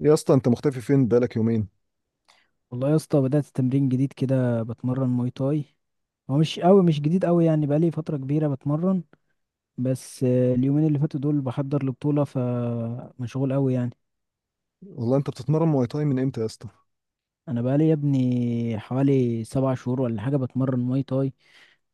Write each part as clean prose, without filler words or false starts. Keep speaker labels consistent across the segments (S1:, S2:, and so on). S1: يا اسطى انت مختفي فين بقالك يومين؟
S2: والله يا اسطى، بدأت تمرين جديد كده بتمرن ماي تاي. هو مش جديد قوي، يعني بقالي فترة كبيرة بتمرن. بس اليومين اللي فاتوا دول بحضر لبطولة، فمشغول قوي يعني.
S1: والله انت بتتمرن مواي تاي من امتى يا اسطى؟
S2: انا بقالي يا ابني حوالي 7 شهور ولا حاجة بتمرن ماي تاي.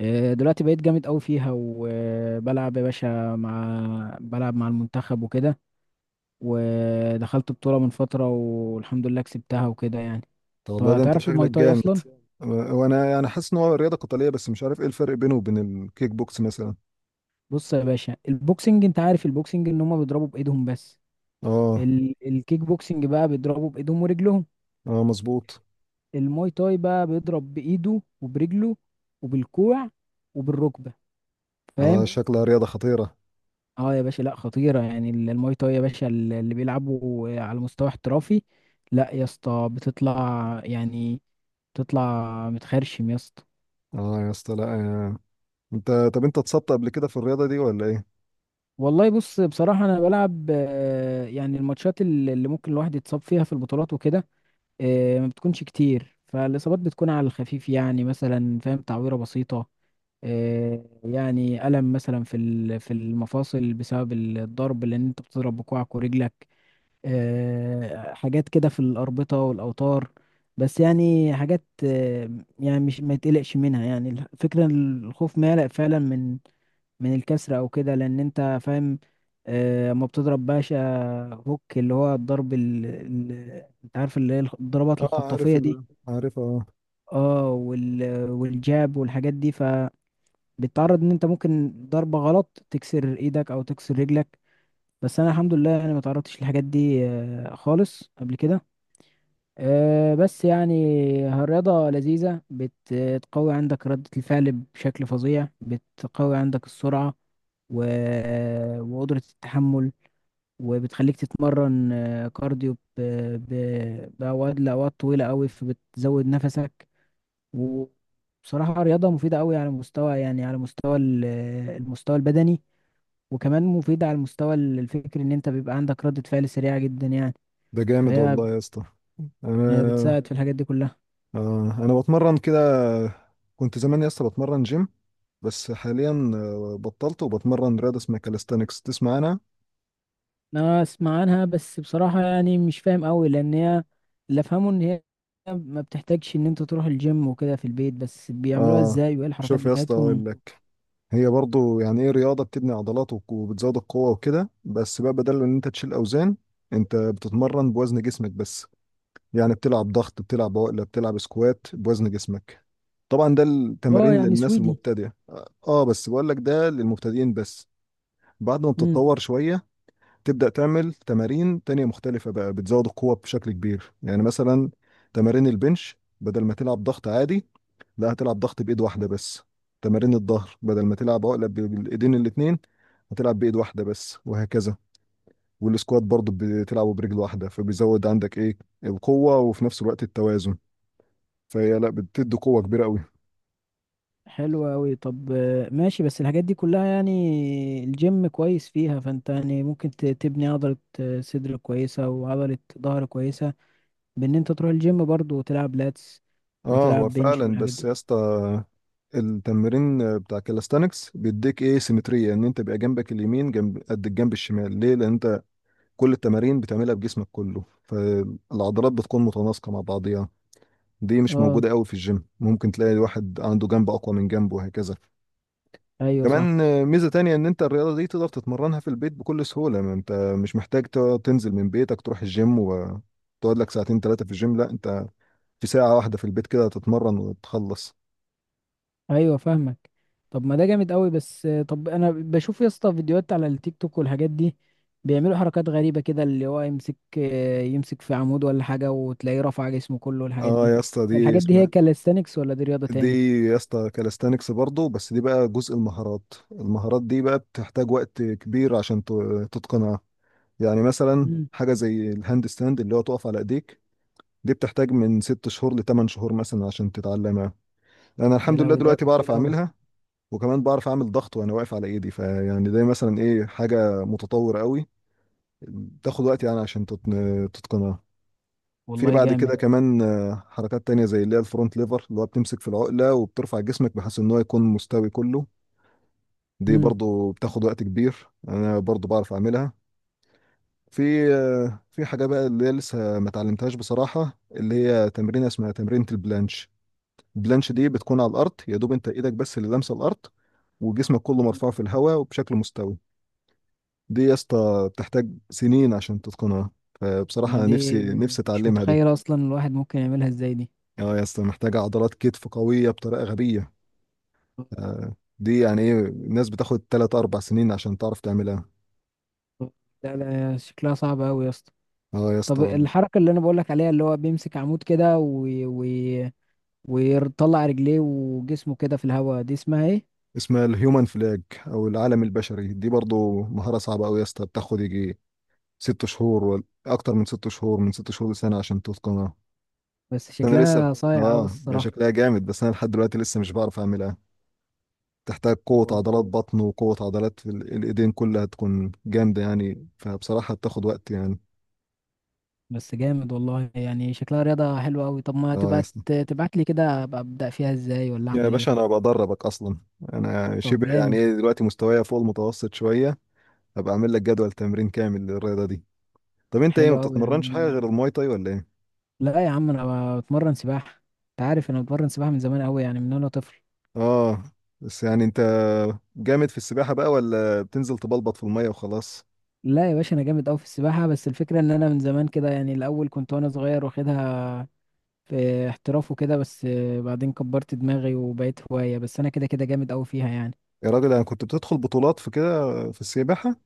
S2: دلوقتي بقيت جامد قوي فيها وبلعب يا باشا مع بلعب مع المنتخب وكده. ودخلت بطولة من فترة والحمد لله كسبتها وكده يعني.
S1: طب والله
S2: طب
S1: ده انت
S2: تعرف الماي
S1: شكلك
S2: تاي
S1: جامد.
S2: اصلا؟
S1: وانا يعني حاسس ان هو رياضه قتاليه بس مش عارف ايه الفرق بينه وبين الكيك بوكس مثلا.
S2: بص يا باشا، البوكسنج، انت عارف البوكسنج ان هم بيضربوا بايدهم بس.
S1: اه.
S2: الكيك بوكسنج بقى بيضربوا بايدهم ورجلهم.
S1: اه، مظبوط.
S2: الماي تاي بقى بيضرب بايده وبرجله، وبالكوع، وبالركبه.
S1: اه،
S2: فاهم؟
S1: شكلها رياضه خطيره.
S2: اه يا باشا، لا خطيره يعني. الماي تاي يا باشا، اللي بيلعبوا على مستوى احترافي، لا يا اسطى، بتطلع يعني، بتطلع متخرشم يا اسطى.
S1: اه يا اسطى، لا آه. طب انت اتصبت قبل كده في الرياضه دي ولا ايه؟
S2: والله بص، بصراحه انا بلعب، يعني الماتشات اللي ممكن الواحد يتصاب فيها في البطولات وكده. ما بتكونش كتير، فالإصابات بتكون على الخفيف يعني. مثلا، فاهم، تعويرة بسيطة. يعني ألم مثلا في في المفاصل بسبب الضرب، لأن أنت بتضرب بكوعك ورجلك. حاجات كده في الأربطة والأوتار. بس يعني حاجات. يعني مش ما يتقلقش منها يعني. الفكرة إن الخوف ما يقلق فعلا من الكسر أو كده، لأن أنت فاهم. اما بتضرب باشا، هوك، اللي هو الضرب. أنت عارف اللي هي الضربات
S1: اه،
S2: الخطافية دي.
S1: عارف، اه.
S2: اه. والجاب والحاجات دي، فبتتعرض إن أنت ممكن ضربة غلط تكسر إيدك أو تكسر رجلك. بس أنا الحمد لله أنا ما تعرضتش للحاجات دي خالص قبل كده. بس يعني الرياضة لذيذة، بتقوي عندك ردة الفعل بشكل فظيع، بتقوي عندك السرعة و... وقدرة التحمل. وبتخليك تتمرن كارديو ب... لأوقات طويلة أوي، فبتزود نفسك. وبصراحة رياضة مفيدة أوي على مستوى، يعني على مستوى المستوى البدني. وكمان مفيدة على المستوى الفكري، إن أنت بيبقى عندك ردة فعل سريعة جدا يعني.
S1: ده جامد
S2: فهي
S1: والله يا اسطى.
S2: هي
S1: انا
S2: بتساعد في الحاجات دي كلها.
S1: انا بتمرن كده. كنت زمان يا اسطى بتمرن جيم. بس حاليا بطلت وبتمرن رياضه اسمها كاليستانكس، تسمع انا؟
S2: انا اسمع عنها، بس بصراحة يعني مش فاهم قوي، لان هي، اللي افهمه ان هي ما بتحتاجش ان انت تروح الجيم وكده، في البيت. بس بيعملوها
S1: اه.
S2: ازاي وايه الحركات
S1: شوف يا اسطى،
S2: بتاعتهم؟
S1: اقول لك. هي برضو يعني ايه رياضه بتبني عضلات وبتزود القوه وكده، بس بقى بدل ان انت تشيل اوزان، انت بتتمرن بوزن جسمك بس. يعني بتلعب ضغط، بتلعب عقله، بتلعب سكوات بوزن جسمك. طبعا ده
S2: اه
S1: التمارين
S2: يعني
S1: للناس
S2: سويدي.
S1: المبتدئه، بس بقول لك ده للمبتدئين بس. بعد ما
S2: امم.
S1: بتتطور شويه تبدأ تعمل تمارين تانية مختلفة بقى، بتزود القوة بشكل كبير، يعني مثلا تمارين البنش بدل ما تلعب ضغط عادي، لا، هتلعب ضغط بإيد واحدة بس. تمارين الظهر بدل ما تلعب عقلة بالإيدين الاتنين، هتلعب بإيد واحدة بس، وهكذا. والسكوات برضه بتلعبه برجل واحدة، فبيزود عندك إيه؟ القوة وفي نفس الوقت التوازن. فهي لا، بتدي قوة كبيرة قوي.
S2: حلو قوي. طب ماشي، بس الحاجات دي كلها يعني الجيم كويس فيها، فانت يعني ممكن تبني عضلة صدر كويسة وعضلة ظهر كويسة، بان انت تروح الجيم برضو وتلعب لاتس
S1: اه، هو
S2: وتلعب بنش
S1: فعلا،
S2: والحاجات
S1: بس
S2: دي.
S1: يا اسطى التمرين بتاع كالستانكس بيديك ايه؟ سيمترية، ان انت بيبقى جنبك اليمين جنب قد الجنب الشمال، ليه؟ لان انت كل التمارين بتعملها بجسمك كله، فالعضلات بتكون متناسقة مع بعضيها. دي مش
S2: اه.
S1: موجودة قوي في الجيم، ممكن تلاقي الواحد عنده جنب أقوى من جنبه وهكذا.
S2: ايوه، صح.
S1: كمان ميزة تانية إن أنت الرياضة دي تقدر تتمرنها في البيت بكل سهولة. ما أنت مش محتاج تقعد تنزل من بيتك تروح الجيم وتقعد لك ساعتين ثلاثة في الجيم، لا، أنت في ساعة واحدة في البيت كده تتمرن وتخلص.
S2: ايوه فاهمك. طب ما ده جامد قوي. بس طب انا بشوف يا اسطى فيديوهات على التيك توك والحاجات دي، بيعملوا حركات غريبه كده، اللي هو يمسك في عمود ولا حاجه، وتلاقيه رفع جسمه كله والحاجات
S1: اه
S2: دي.
S1: يا اسطى،
S2: الحاجات دي هي كاليستانكس ولا دي رياضه
S1: دي
S2: تاني؟
S1: يا اسطى كالستانكس برضه، بس دي بقى جزء المهارات دي بقى بتحتاج وقت كبير عشان تتقنها. يعني مثلا
S2: امم.
S1: حاجة زي الهاند ستاند اللي هو تقف على ايديك، دي بتحتاج من 6 شهور ل8 شهور مثلا عشان تتعلمها. انا
S2: يا
S1: الحمد لله
S2: لهوي، ده
S1: دلوقتي
S2: وقت
S1: بعرف
S2: طويل قوي.
S1: اعملها. وكمان بعرف اعمل ضغط وانا واقف على ايدي، فيعني ده مثلا ايه، حاجة متطورة قوي، تاخد وقت يعني عشان تتقنها. في
S2: والله
S1: بعد
S2: جامد.
S1: كده كمان حركات تانية زي اللي هي الفرونت ليفر، اللي هو بتمسك في العقلة وبترفع جسمك بحيث ان هو يكون مستوي كله. دي
S2: امم.
S1: برضو بتاخد وقت كبير، انا برضو بعرف اعملها. في حاجة بقى اللي هي لسه ما اتعلمتهاش بصراحة، اللي هي تمرينة اسمها تمرينة البلانش. البلانش دي بتكون على الأرض، يا دوب أنت إيدك بس اللي لامسة الأرض، وجسمك كله مرفوع في الهواء وبشكل مستوي. دي يا اسطى بتحتاج سنين عشان تتقنها، فبصراحة
S2: ما
S1: أنا نفسي
S2: دي،
S1: نفسي
S2: مش
S1: أتعلمها دي.
S2: متخيل اصلا الواحد ممكن يعملها ازاي دي.
S1: اه يا اسطى، محتاجة عضلات كتف قوية بطريقة غبية. دي يعني إيه، الناس بتاخد 3 4 سنين عشان تعرف تعملها.
S2: لا لا، شكلها صعب قوي يا اسطى.
S1: اه يا اسطى.
S2: طب الحركه اللي انا بقول لك عليها، اللي هو بيمسك عمود كده ويطلع رجليه وجسمه كده في الهواء، دي اسمها ايه؟
S1: اسمها الهيومن فلاج او العالم البشري، دي برضو مهارة صعبة قوي يا اسطى، بتاخد يجي ست شهور ولا اكتر من ست شهور لسنة عشان تتقنها.
S2: بس
S1: انا لسه
S2: شكلها صايع قوي
S1: اه، هي
S2: الصراحة.
S1: شكلها جامد، بس انا لحد دلوقتي لسه مش بعرف اعملها. تحتاج
S2: طب
S1: قوة
S2: وال-
S1: عضلات بطن وقوة عضلات في الايدين كلها تكون جامدة يعني، فبصراحة بتاخد وقت يعني.
S2: بس جامد والله، يعني شكلها رياضة حلوة قوي. طب ما
S1: اه يا
S2: تبقى
S1: اسطى.
S2: تبعت لي كده، ابقى ابدأ فيها ازاي ولا
S1: يا
S2: اعمل
S1: باشا
S2: ايه؟
S1: انا بدربك اصلا. انا
S2: طب
S1: شبه يعني
S2: جامد.
S1: ايه، دلوقتي مستوايا فوق المتوسط شوية. هبقى اعمل لك جدول تمرين كامل للرياضة دي. طب انت ايه،
S2: حلو
S1: ما
S2: قوي يا عم،
S1: بتتمرنش
S2: انا
S1: حاجة
S2: موافق.
S1: غير الماي تاي ولا ايه؟
S2: لا يا عم، انا بتمرن سباحة. انت عارف انا بتمرن سباحة من زمان قوي، يعني من وانا طفل.
S1: اه، بس يعني انت جامد في السباحة بقى، ولا بتنزل تبلبط في المية وخلاص؟
S2: لا يا باشا، انا جامد قوي في السباحة، بس الفكرة ان انا من زمان كده يعني. الاول كنت وانا صغير واخدها في احتراف وكده، بس بعدين كبرت دماغي وبقيت هواية. بس انا كده كده جامد قوي فيها يعني.
S1: يا راجل انا كنت بتدخل بطولات في كده، في السباحة.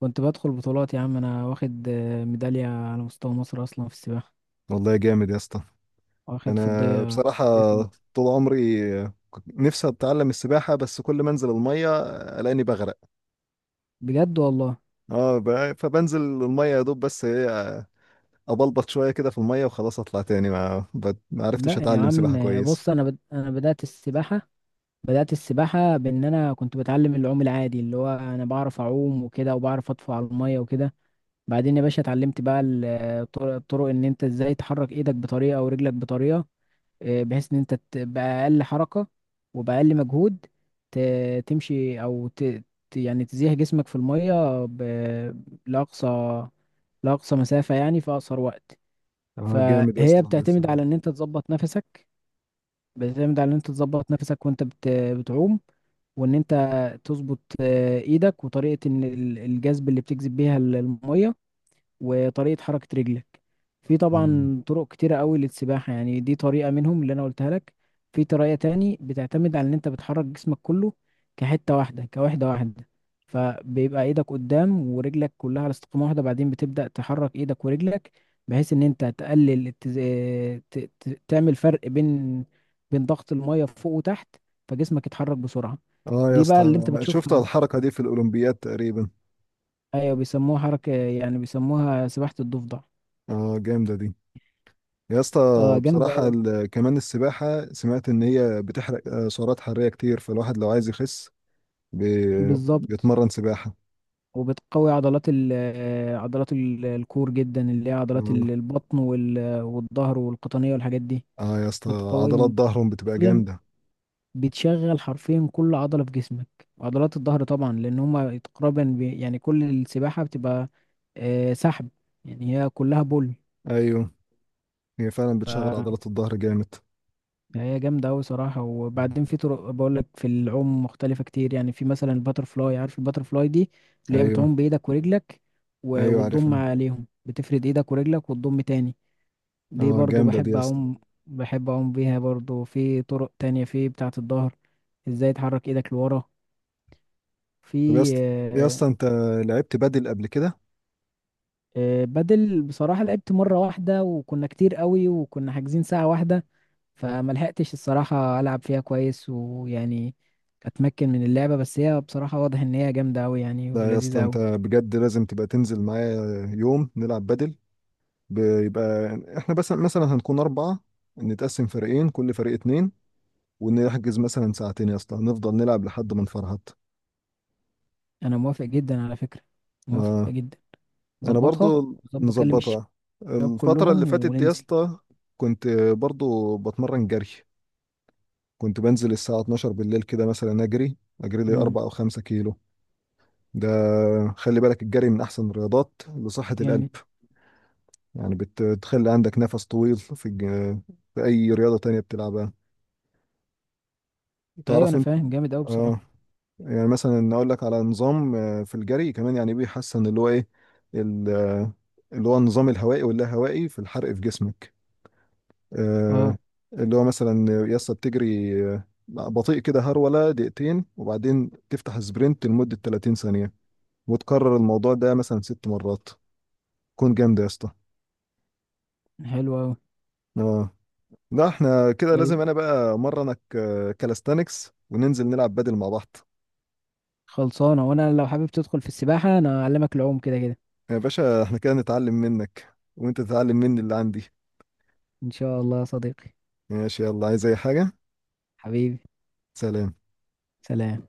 S2: كنت بدخل بطولات يا عم، انا واخد ميدالية على مستوى مصر اصلا في السباحة.
S1: والله جامد يا اسطى.
S2: واخد
S1: انا بصراحة
S2: فضية مصر.
S1: طول عمري كنت نفسي اتعلم السباحة، بس كل ما انزل المية الاقيني بغرق.
S2: بجد والله.
S1: اه، فبنزل المية يا دوب، بس ايه، ابلبط شوية كده في المية وخلاص اطلع تاني، ما عرفتش
S2: لا يا
S1: اتعلم
S2: عم،
S1: سباحة كويس.
S2: بص، انا بدأت السباحة. بدأت السباحة بان انا كنت بتعلم العوم العادي، اللي هو انا بعرف اعوم وكده، وبعرف اطفو على المية وكده. بعدين يا باشا اتعلمت بقى الطرق، ان انت ازاي تحرك ايدك بطريقة ورجلك بطريقة، بحيث ان انت باقل حركة وباقل مجهود تمشي يعني تزيح جسمك في المية لأقصى لأقصى مسافة يعني في أقصر وقت.
S1: اه جامد يا
S2: فهي
S1: اسطى، والله
S2: بتعتمد
S1: السباحة.
S2: على ان انت تظبط نفسك. بتعتمد على ان انت تظبط نفسك وانت بتعوم، وان انت تظبط ايدك، وطريقة ان الجذب اللي بتجذب بيها المية، وطريقة حركة رجلك. في
S1: اه.
S2: طبعا طرق كتيرة قوي للسباحة. يعني دي طريقة منهم اللي أنا قلتها لك. في طريقة تاني بتعتمد على إن أنت بتحرك جسمك كله كحتة واحدة كوحدة واحدة، فبيبقى إيدك قدام ورجلك كلها على استقامة واحدة، بعدين بتبدأ تحرك إيدك ورجلك بحيث إن أنت تقلل تعمل فرق بين ضغط المية فوق وتحت، فجسمك يتحرك بسرعة.
S1: اه يا
S2: دي
S1: اسطى،
S2: بقى اللي أنت
S1: شفت
S2: بتشوفها.
S1: الحركة دي في الأولمبياد تقريبا.
S2: أيوة، بيسموها حركة، يعني بيسموها سباحة الضفدع.
S1: اه جامدة دي يا اسطى.
S2: اه
S1: بصراحة
S2: جامدة.
S1: كمان السباحة، سمعت إن هي بتحرق سعرات حرارية كتير، فالواحد لو عايز يخس
S2: بالظبط.
S1: بيتمرن سباحة.
S2: وبتقوي عضلات ال آه، عضلات الكور جدا، اللي هي عضلات
S1: اه.
S2: البطن والظهر والقطنية والحاجات دي.
S1: آه يا اسطى، عضلات
S2: بتقويهم
S1: ظهرهم بتبقى
S2: حرفيا.
S1: جامدة.
S2: بتشغل حرفيا كل عضلة في جسمك، وعضلات الظهر طبعا لأن هما تقريبا يعني كل السباحة بتبقى سحب. يعني هي كلها بول.
S1: أيوه. هي فعلا بتشغل عضلات الظهر جامد.
S2: يعني هي جامدة أوي صراحة. وبعدين في طرق، بقولك، في العوم مختلفة كتير. يعني في مثلا الباتر فلاي، عارف الباتر فلاي دي، اللي هي
S1: أيوه.
S2: بتعوم بإيدك ورجلك
S1: أيوه،
S2: وتضم
S1: عارفها.
S2: عليهم، بتفرد إيدك ورجلك وتضم تاني. دي
S1: اه
S2: برضو
S1: جامدة دي
S2: بحب
S1: يا اسطى.
S2: أعوم. بحب أعوم بيها برضو. في طرق تانية في بتاعة الظهر، إزاي تحرك إيدك لورا. في
S1: طب يا اسطى، يا
S2: آه،
S1: اسطى، أنت لعبت بدل قبل كده؟
S2: بدل، بصراحة لعبت مرة واحدة، وكنا كتير قوي وكنا حاجزين ساعة واحدة، فما لحقتش الصراحة ألعب فيها كويس ويعني أتمكن من اللعبة، بس هي بصراحة واضح إن هي جامدة أوي يعني
S1: لا يا اسطى،
S2: ولذيذة
S1: أنت
S2: أوي.
S1: بجد لازم تبقى تنزل معايا يوم نلعب بدل. بيبقى احنا بس مثلا هنكون 4، نتقسم فريقين، كل فريق 2، ونحجز مثلا ساعتين يا اسطى نفضل نلعب لحد ما نفرهد.
S2: أنا موافق جدا على فكرة. موافق
S1: آه.
S2: جدا.
S1: أنا
S2: ظبطها،
S1: برضو
S2: وظبط أكلم
S1: نظبطها.
S2: الشباب
S1: الفترة
S2: كلهم
S1: اللي فاتت دي يا
S2: وننزل.
S1: اسطى كنت برضو بتمرن جري. كنت بنزل الساعة 12 بالليل كده مثلا، أجري لي
S2: مم.
S1: 4 أو 5 كيلو. ده خلي بالك، الجري من أحسن الرياضات لصحة
S2: جامد.
S1: القلب. يعني بتخلي عندك نفس طويل في أي رياضة تانية بتلعبها،
S2: أيوة
S1: تعرف
S2: أنا
S1: أنت.
S2: فاهم، جامد أوي بصراحة.
S1: آه، يعني مثلا اقول لك على نظام في الجري كمان، يعني بيحسن اللي هو ايه، ال- آه، اللي هو النظام الهوائي واللاهوائي في الحرق في جسمك.
S2: أه.
S1: آه، اللي هو مثلا يسطا بتجري بطيء كده هرولة دقيقتين، وبعدين تفتح سبرنت لمدة 30 ثانية، وتكرر الموضوع ده مثلا 6 مرات، كون جامد يا اسطى.
S2: حلو أوي.
S1: اه. لا احنا كده لازم
S2: طيب.
S1: انا بقى مرنك كالستانكس، وننزل نلعب بدل مع بعض.
S2: خلصانة. وأنا لو حابب تدخل في السباحة أنا أعلمك العوم كده كده.
S1: يا باشا احنا كده نتعلم منك، وانت تتعلم مني اللي عندي.
S2: إن شاء الله يا صديقي.
S1: ماشي، يلا، عايز اي حاجة؟
S2: حبيبي.
S1: سلام.
S2: سلام.